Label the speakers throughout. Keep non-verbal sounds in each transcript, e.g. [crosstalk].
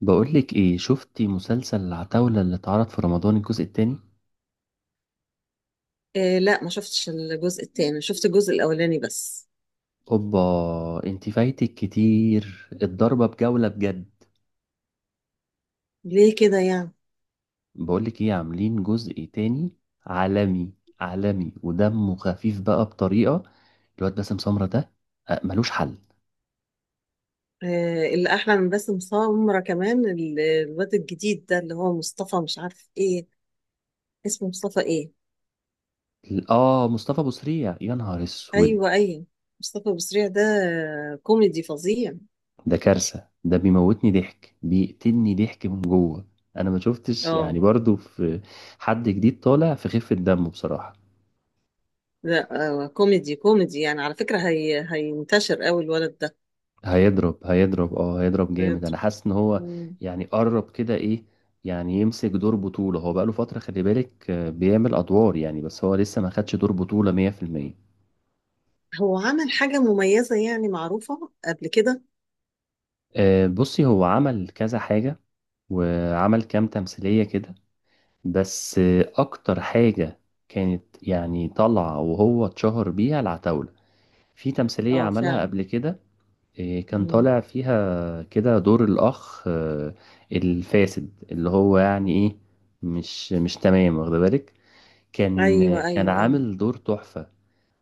Speaker 1: بقولك ايه شفتي مسلسل العتاولة اللي اتعرض في رمضان الجزء التاني؟
Speaker 2: آه، لا، ما شفتش الجزء التاني، شفت الجزء الأولاني بس.
Speaker 1: اوبا. انتي فايتك كتير الضربة بجولة بجد.
Speaker 2: ليه كده يعني؟
Speaker 1: بقولك ايه عاملين جزء تاني. عالمي. عالمي ودمه خفيف بقى بطريقة. الواد باسم سمرة ده. ملوش حل.
Speaker 2: آه، اللي أحلى من باسم سمرة كمان الواد الجديد ده اللي هو مصطفى مش عارف إيه اسمه، مصطفى إيه؟
Speaker 1: اه، مصطفى ابو سريع يا نهار اسود.
Speaker 2: أيوه أيوه، مصطفى بسريع ده. كوميدي فظيع.
Speaker 1: ده كارثة، ده بيموتني ضحك، بيقتلني ضحك من جوه. انا ما شفتش يعني
Speaker 2: اه
Speaker 1: برضو في حد جديد طالع في خفة دمه بصراحة.
Speaker 2: لا، كوميدي كوميدي يعني، على فكرة هي هينتشر أوي الولد ده.
Speaker 1: هيضرب هيضرب اه هيضرب جامد، انا
Speaker 2: هيضرب.
Speaker 1: حاسس ان هو
Speaker 2: مم.
Speaker 1: يعني قرب كده ايه. يعني يمسك دور بطولة، هو بقاله فترة، خلي بالك بيعمل ادوار يعني، بس هو لسه ما خدش دور بطولة 100%.
Speaker 2: هو عمل حاجة مميزة يعني معروفة قبل كده؟
Speaker 1: آه، بصي هو عمل كذا حاجة وعمل كام تمثيلية كده. بس اكتر حاجة كانت يعني طالعة وهو اتشهر بيها العتاولة، في تمثيلية
Speaker 2: اه
Speaker 1: عملها قبل
Speaker 2: فعلا.
Speaker 1: كده. إيه، كان
Speaker 2: مم.
Speaker 1: طالع فيها كده دور الأخ الفاسد، اللي هو يعني إيه، مش تمام، واخد بالك؟ كان
Speaker 2: أيوه
Speaker 1: كان
Speaker 2: أيوه أيوه.
Speaker 1: عامل دور تحفة.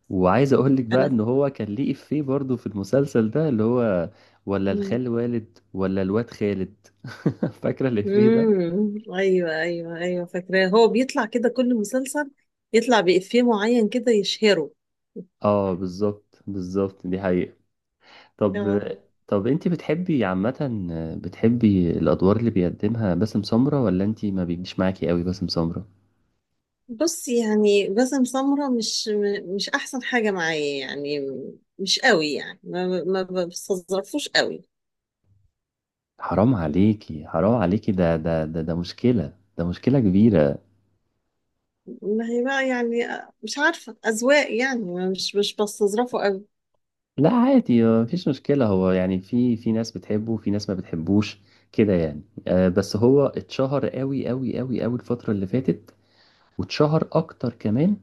Speaker 1: وعايز أقول لك بقى إن
Speaker 2: أنا.
Speaker 1: هو كان ليه إفيه برضه في المسلسل ده، اللي هو ولا
Speaker 2: مم.
Speaker 1: الخال والد ولا الواد خالد. [laughs] فاكرة الإفيه ده؟
Speaker 2: امم، ايوه ايوه ايوه، فاكراه هو بيطلع كده كل مسلسل يطلع بإفيه معين كده يشهره.
Speaker 1: آه، بالظبط بالظبط، دي حقيقة. طب.
Speaker 2: اه،
Speaker 1: طب أنت بتحبي عامة، بتحبي الأدوار اللي بيقدمها باسم سمرة، ولا أنت ما بيجيش معاكي قوي باسم سمرة؟
Speaker 2: بص، يعني باسم سمرة مش مش احسن حاجه معايا، يعني مش قوي يعني، ما بستظرفوش قوي.
Speaker 1: حرام عليكي حرام عليكي، ده مشكلة، ده مشكلة كبيرة.
Speaker 2: ما هي بقى يعني، مش عارفه اذواق يعني، ما مش بستظرفه قوي.
Speaker 1: لا، عادي، مفيش مشكلة. هو يعني في ناس بتحبه، في ناس ما بتحبوش، كده يعني. بس هو اتشهر قوي قوي قوي قوي الفترة اللي فاتت، واتشهر أكتر كمان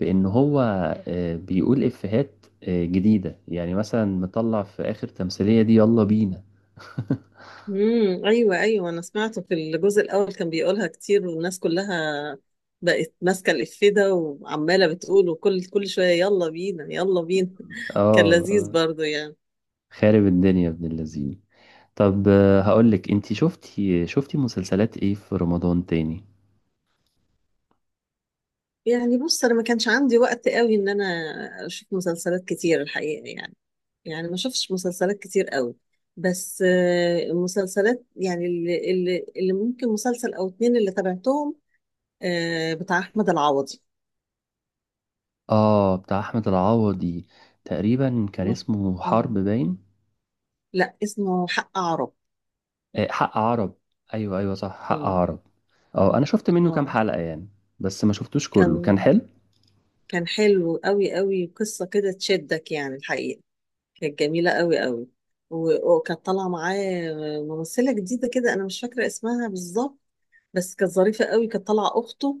Speaker 1: بإن هو بيقول إفيهات جديدة. يعني مثلا مطلع في آخر تمثيلية دي، يلا بينا. [laughs]
Speaker 2: امم، ايوه ايوه، انا سمعته في الجزء الاول كان بيقولها كتير، والناس كلها بقت ماسكه الإفيه ده وعماله بتقول، وكل كل شويه يلا بينا يلا بينا
Speaker 1: اه،
Speaker 2: [laughs] كان لذيذ
Speaker 1: آه،
Speaker 2: برضو يعني.
Speaker 1: خارب الدنيا ابن اللذين. طب هقولك انتي، شفتي مسلسلات ايه في رمضان تاني؟
Speaker 2: يعني بص، انا ما كانش عندي وقت قوي ان انا اشوف مسلسلات كتير الحقيقه يعني، يعني ما شفتش مسلسلات كتير قوي. بس المسلسلات يعني اللي ممكن مسلسل او اتنين اللي تابعتهم، بتاع احمد العوضي.
Speaker 1: اه، بتاع احمد العوضي. تقريبا كان
Speaker 2: م-
Speaker 1: اسمه حرب
Speaker 2: آه،
Speaker 1: باين.
Speaker 2: لا، اسمه حق عرب.
Speaker 1: آه، حق عرب. ايوه، ايوه، صح، حق
Speaker 2: مم.
Speaker 1: عرب. اه، انا شفت منه كام
Speaker 2: اه،
Speaker 1: حلقة يعني، بس ما شفتوش كله، كان
Speaker 2: كان
Speaker 1: حلو.
Speaker 2: كان حلو قوي قوي، قصة كده تشدك يعني الحقيقة، كانت جميلة قوي قوي. وكانت طالعة معاه ممثلة جديدة كده، أنا مش فاكرة اسمها بالظبط، بس كانت ظريفة قوي، كانت طالعة أخته.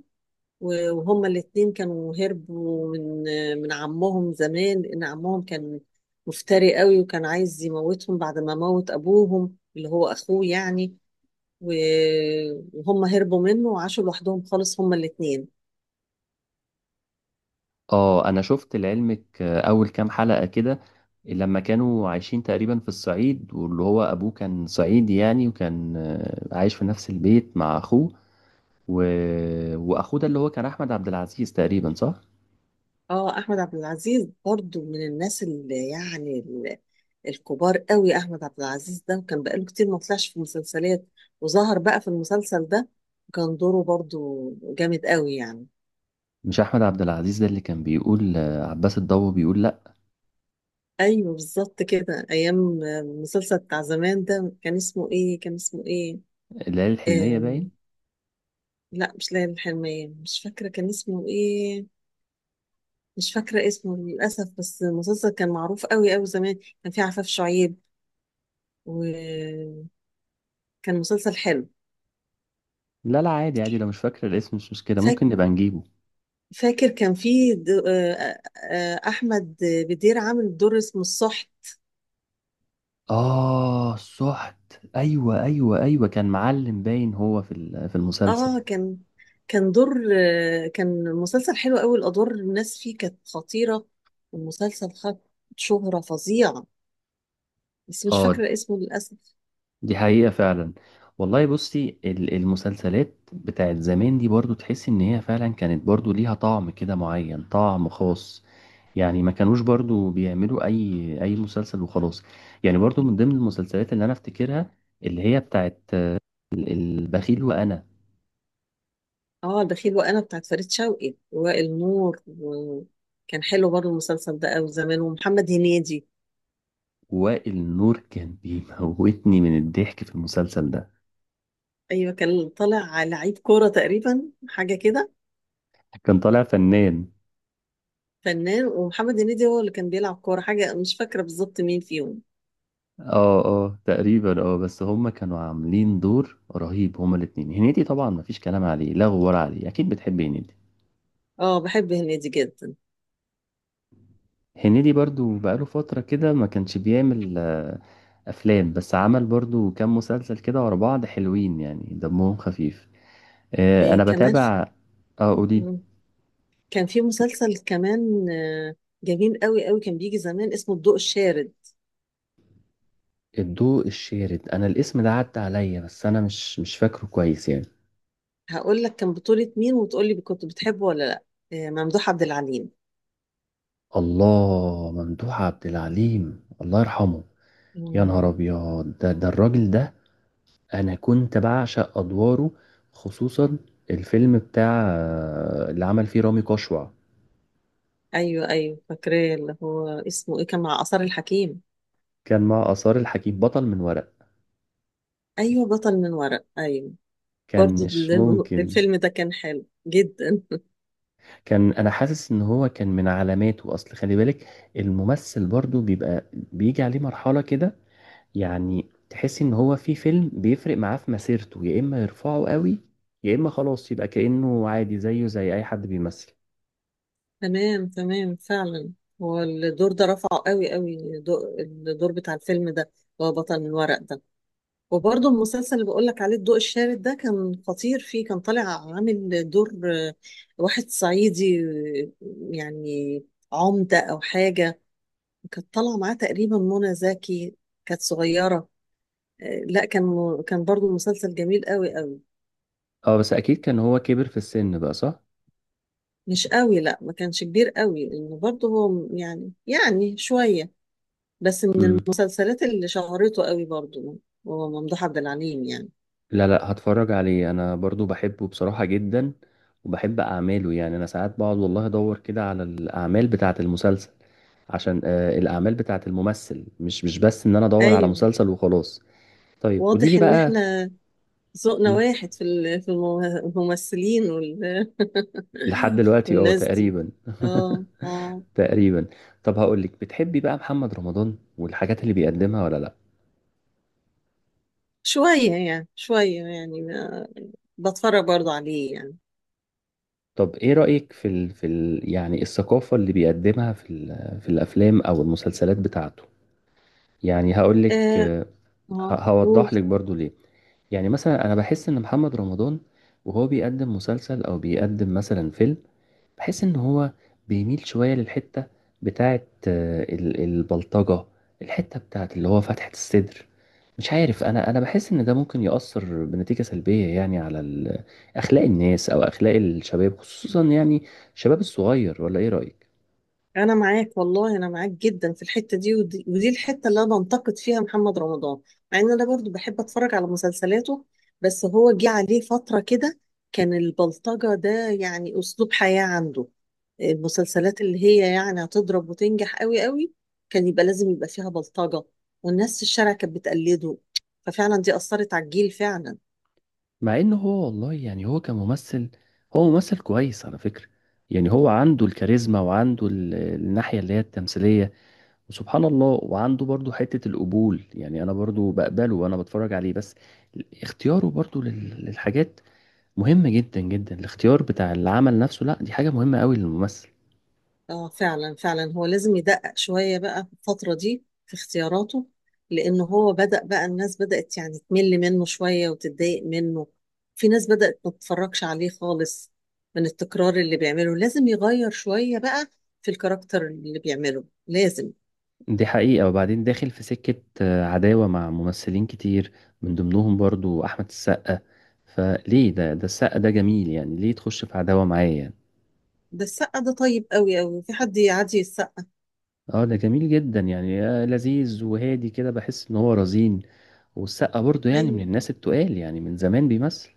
Speaker 2: وهما الاتنين كانوا هربوا من عمهم زمان، لأن عمهم كان مفتري قوي، وكان عايز يموتهم بعد ما موت أبوهم اللي هو أخوه يعني، و- وهم هربوا منه وعاشوا لوحدهم خالص هما الاتنين.
Speaker 1: اه، انا شفت لعلمك اول كام حلقة كده، لما كانوا عايشين تقريبا في الصعيد، واللي هو ابوه كان صعيدي يعني، وكان عايش في نفس البيت مع اخوه. و... واخوه ده اللي هو كان احمد عبد العزيز تقريبا، صح؟
Speaker 2: اه، احمد عبد العزيز برضو من الناس اللي يعني الكبار قوي. احمد عبد العزيز ده وكان بقاله كتير ما طلعش في مسلسلات، وظهر بقى في المسلسل ده، وكان دوره برضو جامد قوي يعني.
Speaker 1: مش احمد عبد العزيز ده اللي كان بيقول عباس الضو، بيقول لا؟
Speaker 2: ايوه بالظبط كده، ايام المسلسل بتاع زمان ده كان اسمه ايه؟ كان اسمه ايه؟
Speaker 1: العيله الحلميه
Speaker 2: آم،
Speaker 1: باين.
Speaker 2: لا مش ليالي الحلمية، مش فاكرة كان اسمه ايه، مش فاكرة اسمه للأسف، بس المسلسل كان معروف قوي قوي زمان، كان فيه عفاف شعيب، وكان مسلسل حلو.
Speaker 1: لا، لا، عادي، عادي، لو مش فاكر الاسم مش مشكلة، ممكن نبقى نجيبه.
Speaker 2: فاكر كان في احمد بدير عامل دور اسمه الصحت.
Speaker 1: آه، سحت. أيوة، أيوة، أيوة، كان معلم باين هو في في المسلسل.
Speaker 2: اه، كان دور، كان مسلسل حلو قوي، الادوار الناس فيه كانت خطيره، والمسلسل خد شهره فظيعه، بس مش
Speaker 1: آه،
Speaker 2: فاكره اسمه للاسف.
Speaker 1: دي حقيقة فعلا. والله بصي المسلسلات بتاعت زمان دي برضو تحس إن هي فعلا كانت برضو ليها طعم كده معين، طعم خاص. يعني ما كانوش برضو بيعملوا أي مسلسل وخلاص. يعني برضو من ضمن المسلسلات اللي أنا أفتكرها، اللي هي بتاعت البخيل وأنا.
Speaker 2: اه، البخيل وانا بتاعت فريد شوقي، وائل نور، وكان حلو برضه المسلسل ده قوي زمان، ومحمد هنيدي.
Speaker 1: وائل نور كان بيموتني من الضحك في المسلسل ده.
Speaker 2: ايوه كان طالع لعيب كوره تقريبا، حاجه كده.
Speaker 1: كان طالع فنان.
Speaker 2: فنان ومحمد هنيدي هو اللي كان بيلعب كورة حاجة، مش فاكرة بالظبط مين فيهم.
Speaker 1: اه، اه، تقريبا، اه، بس هما كانوا عاملين دور رهيب هما الاتنين. هنيدي طبعا مفيش كلام عليه، لا غبار عليه، اكيد بتحب هنيدي.
Speaker 2: اه، بحب هنيدي جدا.
Speaker 1: هنيدي برضو بقاله فترة كده ما كانش بيعمل افلام، بس عمل برضو كام مسلسل كده ورا بعض حلوين يعني، دمهم خفيف. انا
Speaker 2: إيه كمان
Speaker 1: بتابع. اه، قولي.
Speaker 2: مم. كان في مسلسل كمان جميل قوي قوي، كان بيجي زمان اسمه الضوء الشارد.
Speaker 1: الضوء الشارد، انا الاسم ده عدى عليا، بس انا مش فاكره كويس يعني.
Speaker 2: هقول لك كان بطولة مين وتقول لي كنت بتحبه ولا لا. إيه، ممدوح عبد العليم.
Speaker 1: الله، ممدوح عبد العليم، الله يرحمه. يا نهار
Speaker 2: مم.
Speaker 1: ابيض، ده الراجل ده انا كنت بعشق ادواره، خصوصا الفيلم بتاع اللي عمل فيه رامي كشوع،
Speaker 2: ايوه ايوه فاكراه، اللي هو اسمه ايه؟ كان مع آثار الحكيم.
Speaker 1: كان مع آثار الحكيم، بطل من ورق.
Speaker 2: ايوه بطل من ورق، ايوه.
Speaker 1: كان
Speaker 2: برضو
Speaker 1: مش
Speaker 2: [laughs]
Speaker 1: ممكن.
Speaker 2: الفيلم ده كان حلو جدا.
Speaker 1: كان انا حاسس ان هو كان من علاماته، اصل خلي بالك الممثل برضو بيبقى بيجي عليه مرحلة كده، يعني تحس ان هو في فيلم بيفرق معاه في مسيرته، يا اما يرفعه قوي، يا اما خلاص يبقى كأنه عادي زيه زي اي حد بيمثل.
Speaker 2: تمام تمام فعلا. هو الدور ده رفعه قوي قوي، الدور بتاع الفيلم ده اللي هو بطل الورق ده. وبرضه المسلسل اللي بقول لك عليه الضوء الشارد ده كان خطير، فيه كان طالع عامل دور، واحد صعيدي، يعني عمدة أو حاجة. كانت طالعة معاه تقريبا منى زكي، كانت صغيرة. لا، كان كان برضه مسلسل جميل قوي قوي.
Speaker 1: اه، بس اكيد كان هو كبر في السن بقى، صح؟
Speaker 2: مش قوي، لا ما كانش كبير قوي، لأنه برضه هو يعني شوية، بس من
Speaker 1: امم.
Speaker 2: المسلسلات اللي شهرته قوي برضو هو ممدوح عبد العليم يعني.
Speaker 1: لا، لا، هتفرج عليه، انا برضو بحبه بصراحة جدا، وبحب اعماله. يعني انا ساعات بقعد والله ادور كده على الاعمال بتاعة المسلسل، عشان الاعمال بتاعة الممثل، مش بس ان انا ادور على
Speaker 2: ايوه.
Speaker 1: مسلسل وخلاص. طيب، قولي لي
Speaker 2: واضح ان
Speaker 1: بقى.
Speaker 2: احنا ذوقنا
Speaker 1: مم.
Speaker 2: واحد في في الممثلين
Speaker 1: لحد دلوقتي
Speaker 2: والناس دي.
Speaker 1: تقريبا.
Speaker 2: اه
Speaker 1: [laughs]
Speaker 2: اه.
Speaker 1: تقريبا. طب هقول لك، بتحبي بقى محمد رمضان والحاجات اللي بيقدمها، ولا لا؟
Speaker 2: شوية يعني، شوية يعني بتفرج برضو عليه يعني.
Speaker 1: طب ايه رأيك يعني الثقافة اللي بيقدمها في الافلام او المسلسلات بتاعته؟ يعني هقول لك،
Speaker 2: اه اه قول.
Speaker 1: هوضح لك برضو ليه. يعني مثلا انا بحس ان محمد رمضان وهو بيقدم مسلسل او بيقدم مثلا فيلم، بحس ان هو بيميل شوية للحتة بتاعت البلطجة، الحتة بتاعت اللي هو فتحة الصدر. مش عارف، انا بحس ان ده ممكن يأثر بنتيجة سلبية يعني على اخلاق الناس او اخلاق الشباب، خصوصا يعني الشباب الصغير. ولا ايه رأيك؟
Speaker 2: انا معاك والله، انا معاك جدا في الحته دي، ودي الحته اللي انا بنتقد فيها محمد رمضان، مع ان انا برضو بحب اتفرج على مسلسلاته. بس هو جه عليه فتره كده كان البلطجه ده يعني اسلوب حياه عنده، المسلسلات اللي هي يعني هتضرب وتنجح قوي قوي كان يبقى لازم يبقى فيها بلطجه، والناس في الشارع كانت بتقلده، ففعلا دي اثرت على الجيل فعلا.
Speaker 1: مع ان هو والله يعني هو كممثل، هو ممثل كويس على فكرة. يعني هو عنده الكاريزما، وعنده الناحية اللي هي التمثيلية، سبحان الله، وعنده برضو حتة القبول. يعني أنا برضو بقبله وأنا بتفرج عليه، بس اختياره برضو للحاجات مهمة جدا جدا. الاختيار بتاع العمل نفسه لا، دي حاجة مهمة قوي للممثل.
Speaker 2: اه فعلا فعلا، هو لازم يدقق شوية بقى في الفترة دي في اختياراته، لأنه هو بدأ بقى، الناس بدأت يعني تمل منه شوية وتتضايق منه، في ناس بدأت ما تتفرجش عليه خالص من التكرار اللي بيعمله، لازم يغير شوية بقى في الكاركتر اللي بيعمله لازم.
Speaker 1: دي حقيقة، وبعدين داخل في سكة عداوة مع ممثلين كتير، من ضمنهم برضو أحمد السقا. فليه، ده السقا ده جميل، يعني ليه تخش في عداوة معاه يعني؟
Speaker 2: ده السقا ده طيب قوي قوي، في حد يعدي السقا؟
Speaker 1: اه، ده جميل جدا يعني، لذيذ وهادي كده، بحس ان هو رزين. والسقا برضو يعني من
Speaker 2: أيوة.
Speaker 1: الناس التقال، يعني من زمان بيمثل.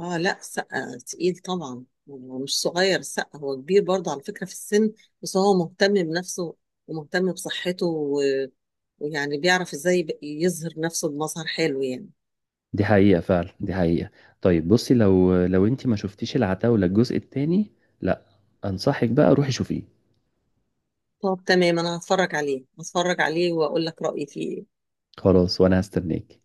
Speaker 2: اه لا، سقا تقيل طبعا، هو مش صغير سقا، هو كبير برضه على فكرة في السن، بس هو مهتم بنفسه ومهتم بصحته، و... ويعني بيعرف ازاي يظهر نفسه بمظهر حلو يعني.
Speaker 1: دي حقيقة فعلا، دي حقيقة. طيب بصي، لو انت ما شفتيش العتاولة الجزء التاني. لا. انصحك بقى روحي شوفيه.
Speaker 2: طب تمام، انا هتفرج عليه هتفرج عليه واقول لك رأيي فيه إيه.
Speaker 1: خلاص، وانا هستناك.